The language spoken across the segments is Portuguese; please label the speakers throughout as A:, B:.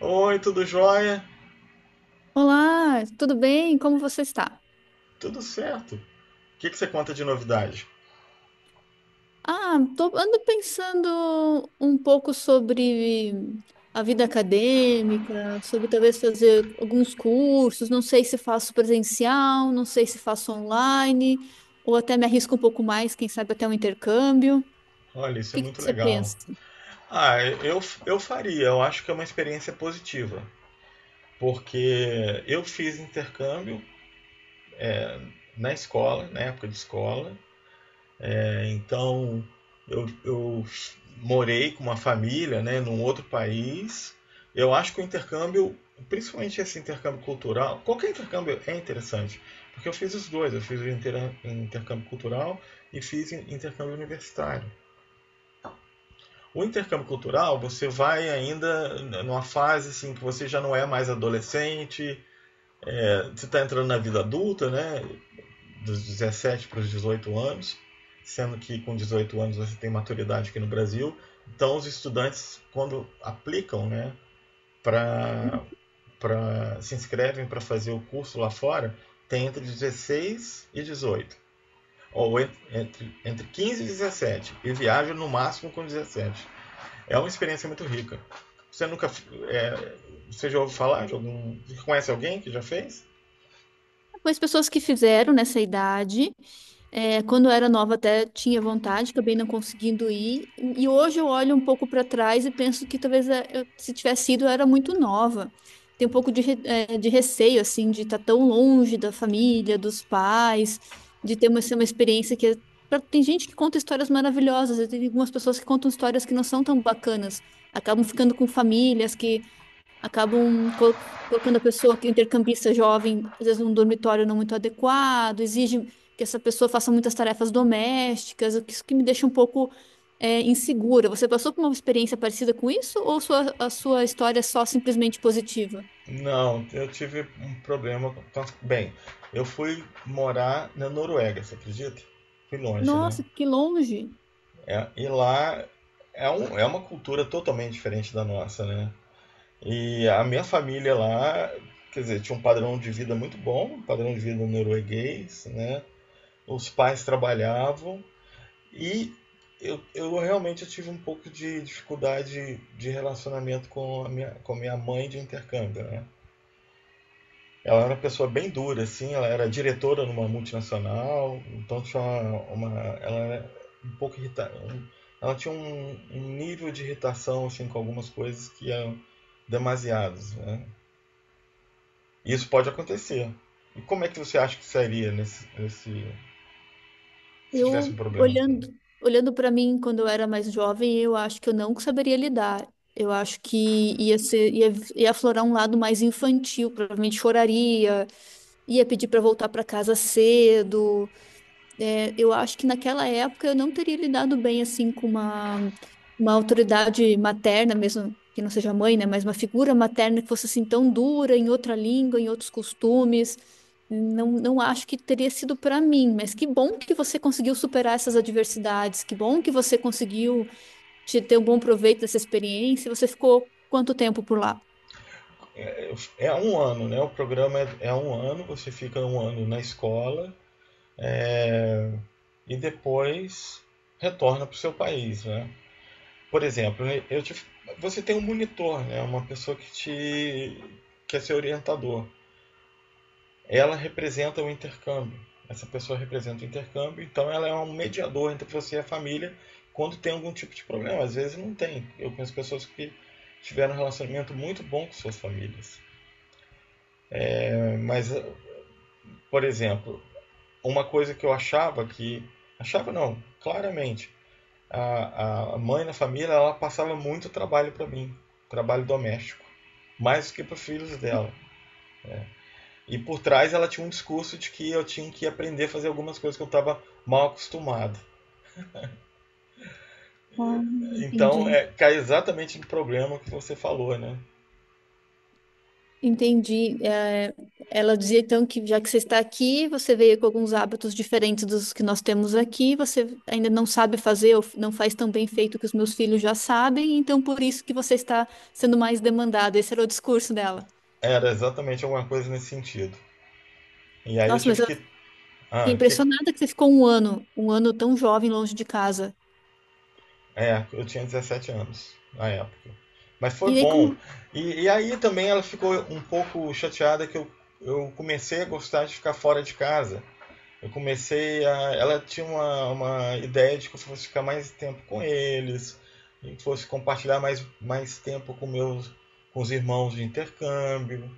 A: Oi, tudo jóia?
B: Olá, tudo bem? Como você está?
A: Tudo certo. O que você conta de novidade?
B: Ando pensando um pouco sobre a vida acadêmica, sobre talvez fazer alguns cursos, não sei se faço presencial, não sei se faço online, ou até me arrisco um pouco mais, quem sabe até um intercâmbio. O
A: Olha, isso é
B: que que
A: muito
B: você
A: legal.
B: pensa?
A: Ah, eu, eu faria, eu acho que é uma experiência positiva, porque eu fiz intercâmbio na escola, na época de escola. Então, eu morei com uma família, né, num outro país. Eu acho que o intercâmbio, principalmente esse intercâmbio cultural, qualquer intercâmbio é interessante, porque eu fiz os dois, eu fiz o intercâmbio cultural e fiz intercâmbio universitário. O intercâmbio cultural, você vai ainda numa fase assim que você já não é mais adolescente, você está entrando na vida adulta, né? Dos 17 para os 18 anos, sendo que com 18 anos você tem maturidade aqui no Brasil. Então, os estudantes, quando aplicam, né, pra, se inscrevem para fazer o curso lá fora, tem entre 16 e 18. Ou entre 15 e 17. E viajam no máximo com 17. É uma experiência muito rica. Você nunca. É, você já ouviu falar de algum. Conhece alguém que já fez?
B: Mas pessoas que fizeram nessa idade, quando eu era nova até tinha vontade, acabei não conseguindo ir. E hoje eu olho um pouco para trás e penso que talvez, se tivesse ido eu era muito nova. Tem um pouco de, de receio, assim, de estar tão longe da família, dos pais, de ter ser uma experiência que... Tem gente que conta histórias maravilhosas, e tem algumas pessoas que contam histórias que não são tão bacanas, acabam ficando com famílias que acabam colo- colocando a pessoa que é intercambista jovem, às vezes num dormitório não muito adequado, exige que essa pessoa faça muitas tarefas domésticas, isso que me deixa um pouco insegura. Você passou por uma experiência parecida com isso ou a sua história é só simplesmente positiva?
A: Não, eu tive um problema. Com Bem, eu fui morar na Noruega, você acredita? Fui longe, né?
B: Nossa, que longe!
A: É, e lá é, é uma cultura totalmente diferente da nossa, né? E a minha família lá, quer dizer, tinha um padrão de vida muito bom, um padrão de vida norueguês, né? Os pais trabalhavam e eu realmente tive um pouco de dificuldade de relacionamento com a minha mãe de intercâmbio, né? Ela era uma pessoa bem dura, assim, ela era diretora numa multinacional, então tinha uma, ela era um pouco irritada. Ela tinha um nível de irritação assim, com algumas coisas que eram demasiados, né? E isso pode acontecer. E como é que você acha que seria se tivesse um
B: Eu
A: problema assim?
B: olhando, olhando para mim quando eu era mais jovem, eu acho que eu não saberia lidar. Eu acho que ia aflorar um lado mais infantil, provavelmente choraria, ia pedir para voltar para casa cedo. É, eu acho que naquela época eu não teria lidado bem assim com uma autoridade materna, mesmo que não seja mãe, né? Mas uma figura materna que fosse assim tão dura em outra língua, em outros costumes. Não, não acho que teria sido para mim, mas que bom que você conseguiu superar essas adversidades, que bom que você conseguiu te ter um bom proveito dessa experiência. Você ficou quanto tempo por lá?
A: É um ano, né? O programa é um ano, você fica um ano na escola e depois retorna para o seu país, né? Por exemplo, né, você tem um monitor, né? Uma pessoa que é seu orientador. Ela representa o intercâmbio. Essa pessoa representa o intercâmbio, então ela é um mediador entre você e a família quando tem algum tipo de problema. Às vezes não tem. Eu conheço pessoas que tiveram um relacionamento muito bom com suas famílias. É, mas, por exemplo, uma coisa que eu achava que. Achava não, claramente. A mãe na família ela passava muito trabalho para mim, trabalho doméstico, mais do que para os filhos dela. E por trás ela tinha um discurso de que eu tinha que aprender a fazer algumas coisas que eu estava mal acostumado.
B: Ah,
A: Então
B: entendi.
A: é, cai exatamente no problema que você falou, né?
B: Entendi. É, ela dizia então que já que você está aqui, você veio com alguns hábitos diferentes dos que nós temos aqui, você ainda não sabe fazer ou não faz tão bem feito que os meus filhos já sabem, então por isso que você está sendo mais demandada. Esse era o discurso dela.
A: Era exatamente alguma coisa nesse sentido. E aí eu
B: Nossa, mas
A: tive
B: eu
A: que,
B: fiquei
A: ah, que
B: impressionada que você ficou um ano tão jovem longe de casa.
A: eu tinha 17 anos na época. Mas
B: E
A: foi
B: aí, como?
A: bom. E aí também ela ficou um pouco chateada que eu comecei a gostar de ficar fora de casa. Eu comecei a. Ela tinha uma ideia de que eu fosse ficar mais tempo com eles, e fosse compartilhar mais, mais tempo com meus com os irmãos de intercâmbio,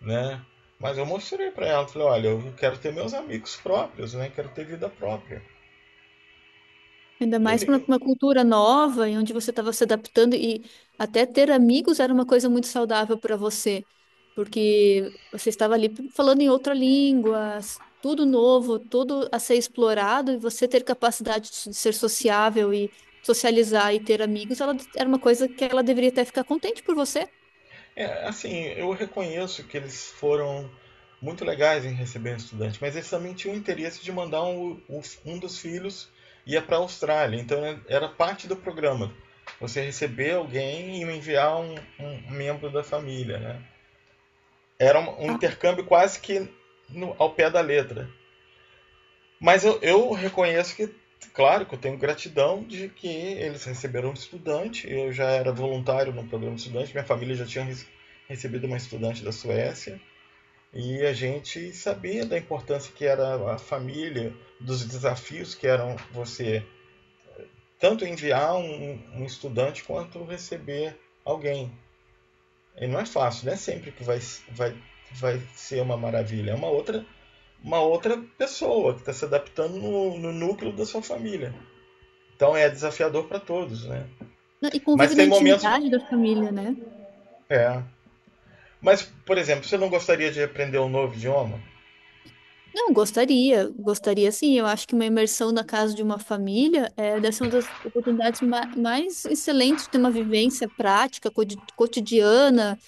A: né? Mas eu mostrei para ela, falei, olha, eu quero ter meus amigos próprios, né? Quero ter vida própria.
B: Ainda mais
A: Ele,
B: para uma cultura nova, em onde você estava se adaptando e até ter amigos era uma coisa muito saudável para você, porque você estava ali falando em outra língua, tudo novo, tudo a ser explorado, e você ter capacidade de de ser sociável e socializar e ter amigos, era uma coisa que ela deveria até ficar contente por você.
A: É, assim, eu reconheço que eles foram muito legais em receber um estudante, mas eles também tinham o interesse de mandar um dos filhos ia para a Austrália, então né, era parte do programa. Você receber alguém e enviar um membro da família, né? Era um
B: Ah,
A: intercâmbio quase que no, ao pé da letra. Mas eu reconheço que, claro, que eu tenho gratidão de que eles receberam um estudante. Eu já era voluntário no programa de estudante, minha família já tinha recebido uma estudante da Suécia. E a gente sabia da importância que era a família, dos desafios que eram você tanto enviar um estudante quanto receber alguém. E não é fácil, não é sempre que vai, vai ser uma maravilha. É uma uma outra pessoa que está se adaptando no núcleo da sua família. Então é desafiador para todos, né?
B: e
A: Mas
B: convive na
A: tem momentos.
B: intimidade da família, né?
A: É. Mas, por exemplo, você não gostaria de aprender um novo idioma?
B: Não, gostaria, gostaria sim. Eu acho que uma imersão na casa de uma família é, deve ser uma das oportunidades mais excelentes de ter uma vivência prática, cotidiana,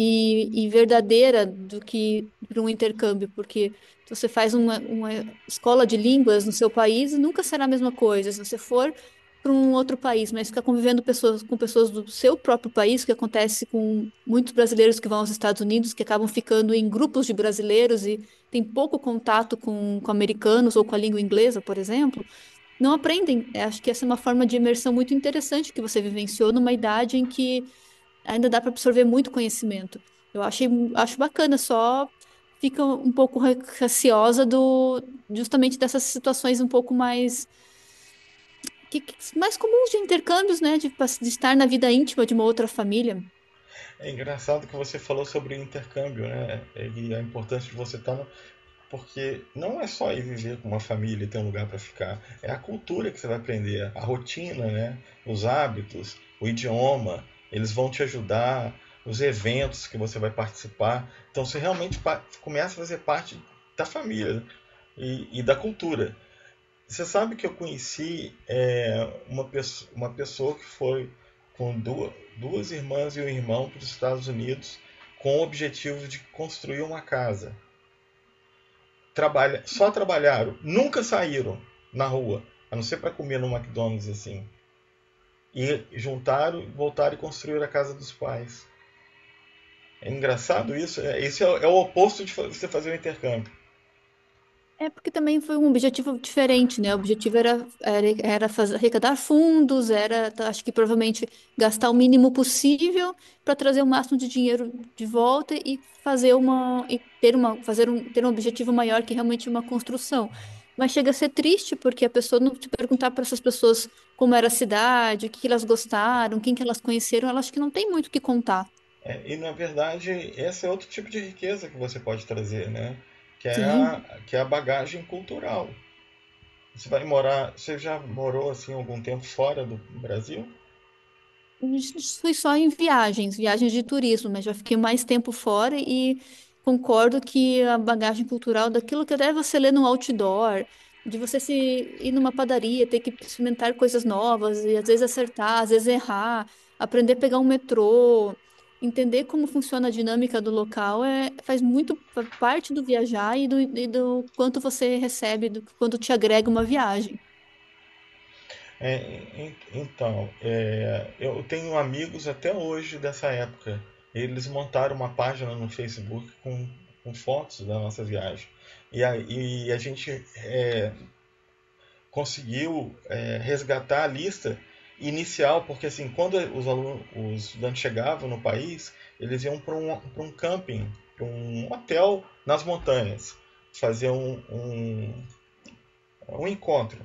B: e verdadeira do que para um intercâmbio, porque se você faz uma escola de línguas no seu país, nunca será a mesma coisa. Se você for para um outro país, mas ficar convivendo pessoas, com pessoas do seu próprio país, que acontece com muitos brasileiros que vão aos Estados Unidos, que acabam ficando em grupos de brasileiros e tem pouco contato com americanos ou com a língua inglesa, por exemplo, não aprendem. Eu acho que essa é uma forma de imersão muito interessante que você vivenciou numa idade em que ainda dá para absorver muito conhecimento. Eu achei, acho bacana, só fica um pouco receosa do justamente dessas situações um pouco mais mais comuns de intercâmbios, né, de estar na vida íntima de uma outra família.
A: É engraçado que você falou sobre o intercâmbio, né? E a importância de você estar. No... Porque não é só ir viver com uma família e ter um lugar para ficar. É a cultura que você vai aprender, a rotina, né? Os hábitos, o idioma. Eles vão te ajudar, os eventos que você vai participar. Então você realmente começa a fazer parte da família, né? E da cultura. Você sabe que eu conheci é, uma pessoa que foi com duas irmãs e um irmão para os Estados Unidos com o objetivo de construir uma casa. Só trabalharam, nunca saíram na rua, a não ser para comer no McDonald's assim. E juntaram, voltaram e construíram a casa dos pais. É engraçado isso. É o oposto de você fazer um intercâmbio.
B: É porque também foi um objetivo diferente, né? O objetivo era fazer, arrecadar fundos, acho que provavelmente gastar o mínimo possível para trazer o máximo de dinheiro de volta e fazer uma e ter uma fazer um ter um objetivo maior que realmente uma construção. Mas chega a ser triste porque a pessoa não te perguntar para essas pessoas como era a cidade, o que que elas gostaram, quem que elas conheceram, elas acho que não tem muito o que contar.
A: É, e na verdade, esse é outro tipo de riqueza que você pode trazer, né? Que é
B: Sim.
A: que é a bagagem cultural. Você já morou assim algum tempo fora do Brasil?
B: Fui só em viagens, viagens de turismo, mas já fiquei mais tempo fora e concordo que a bagagem cultural daquilo que até você lê no outdoor, de você se ir numa padaria, ter que experimentar coisas novas e às vezes acertar, às vezes errar, aprender a pegar um metrô, entender como funciona a dinâmica do local, é, faz muito parte do viajar e e do quanto você recebe, do quanto te agrega uma viagem.
A: É, então, é, eu tenho amigos até hoje dessa época. Eles montaram uma página no Facebook com fotos da nossa viagem. E a gente conseguiu é, resgatar a lista inicial, porque assim, quando alunos, os estudantes chegavam no país, eles iam para para um camping, para um hotel nas montanhas, fazer um encontro.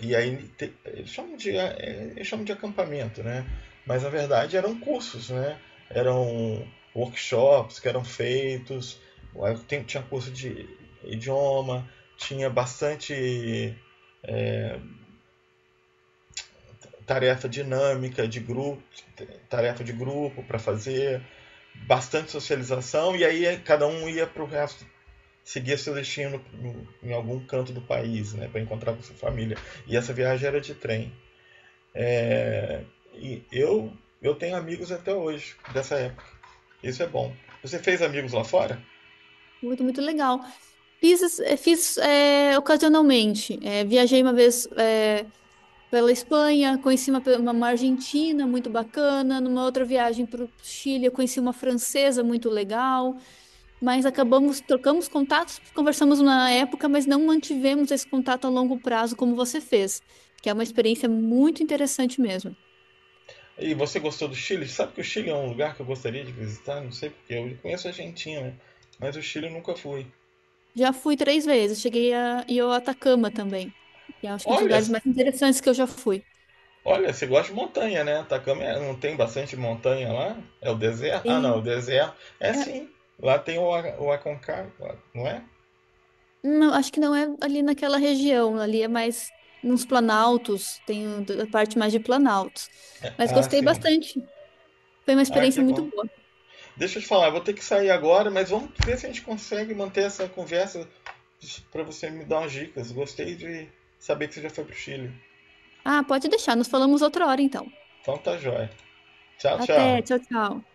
A: E aí eles chamam de acampamento, né? Mas na verdade eram cursos, né? Eram workshops que eram feitos, tinha curso de idioma, tinha bastante tarefa dinâmica de grupo, tarefa de grupo para fazer, bastante socialização e aí cada um ia para o resto seguia seu destino em algum canto do país, né, para encontrar com sua família. E essa viagem era de trem. É, e eu tenho amigos até hoje dessa época. Isso é bom. Você fez amigos lá fora?
B: Muito, muito legal. Fiz ocasionalmente. Viajei uma vez pela Espanha, conheci uma argentina muito bacana. Numa outra viagem para o Chile, eu conheci uma francesa muito legal. Mas acabamos, trocamos contatos, conversamos na época, mas não mantivemos esse contato a longo prazo como você fez, que é uma experiência muito interessante mesmo.
A: E você gostou do Chile? Sabe que o Chile é um lugar que eu gostaria de visitar? Não sei porque eu conheço a Argentina, né? Mas o Chile eu nunca fui.
B: Já fui 3 vezes, cheguei a, e eu Atacama também, que é, acho que é um dos
A: Olha,
B: lugares mais interessantes que eu já fui.
A: Olha, você gosta de montanha, né? Atacama não tem bastante montanha lá? É o deserto? Ah, não, o
B: Sim.
A: deserto. É sim. Lá tem o Aconcagua, não é?
B: Não, acho que não é ali naquela região, ali é mais nos planaltos, tem a parte mais de planaltos. Mas
A: Ah,
B: gostei
A: sim.
B: bastante. Foi uma
A: Ah, que
B: experiência
A: bom.
B: muito boa.
A: Deixa eu te falar, eu vou ter que sair agora, mas vamos ver se a gente consegue manter essa conversa para você me dar umas dicas. Gostei de saber que você já foi pro Chile.
B: Ah, pode deixar, nos falamos outra hora então.
A: Então tá joia. Tchau,
B: Até,
A: tchau.
B: tchau, tchau.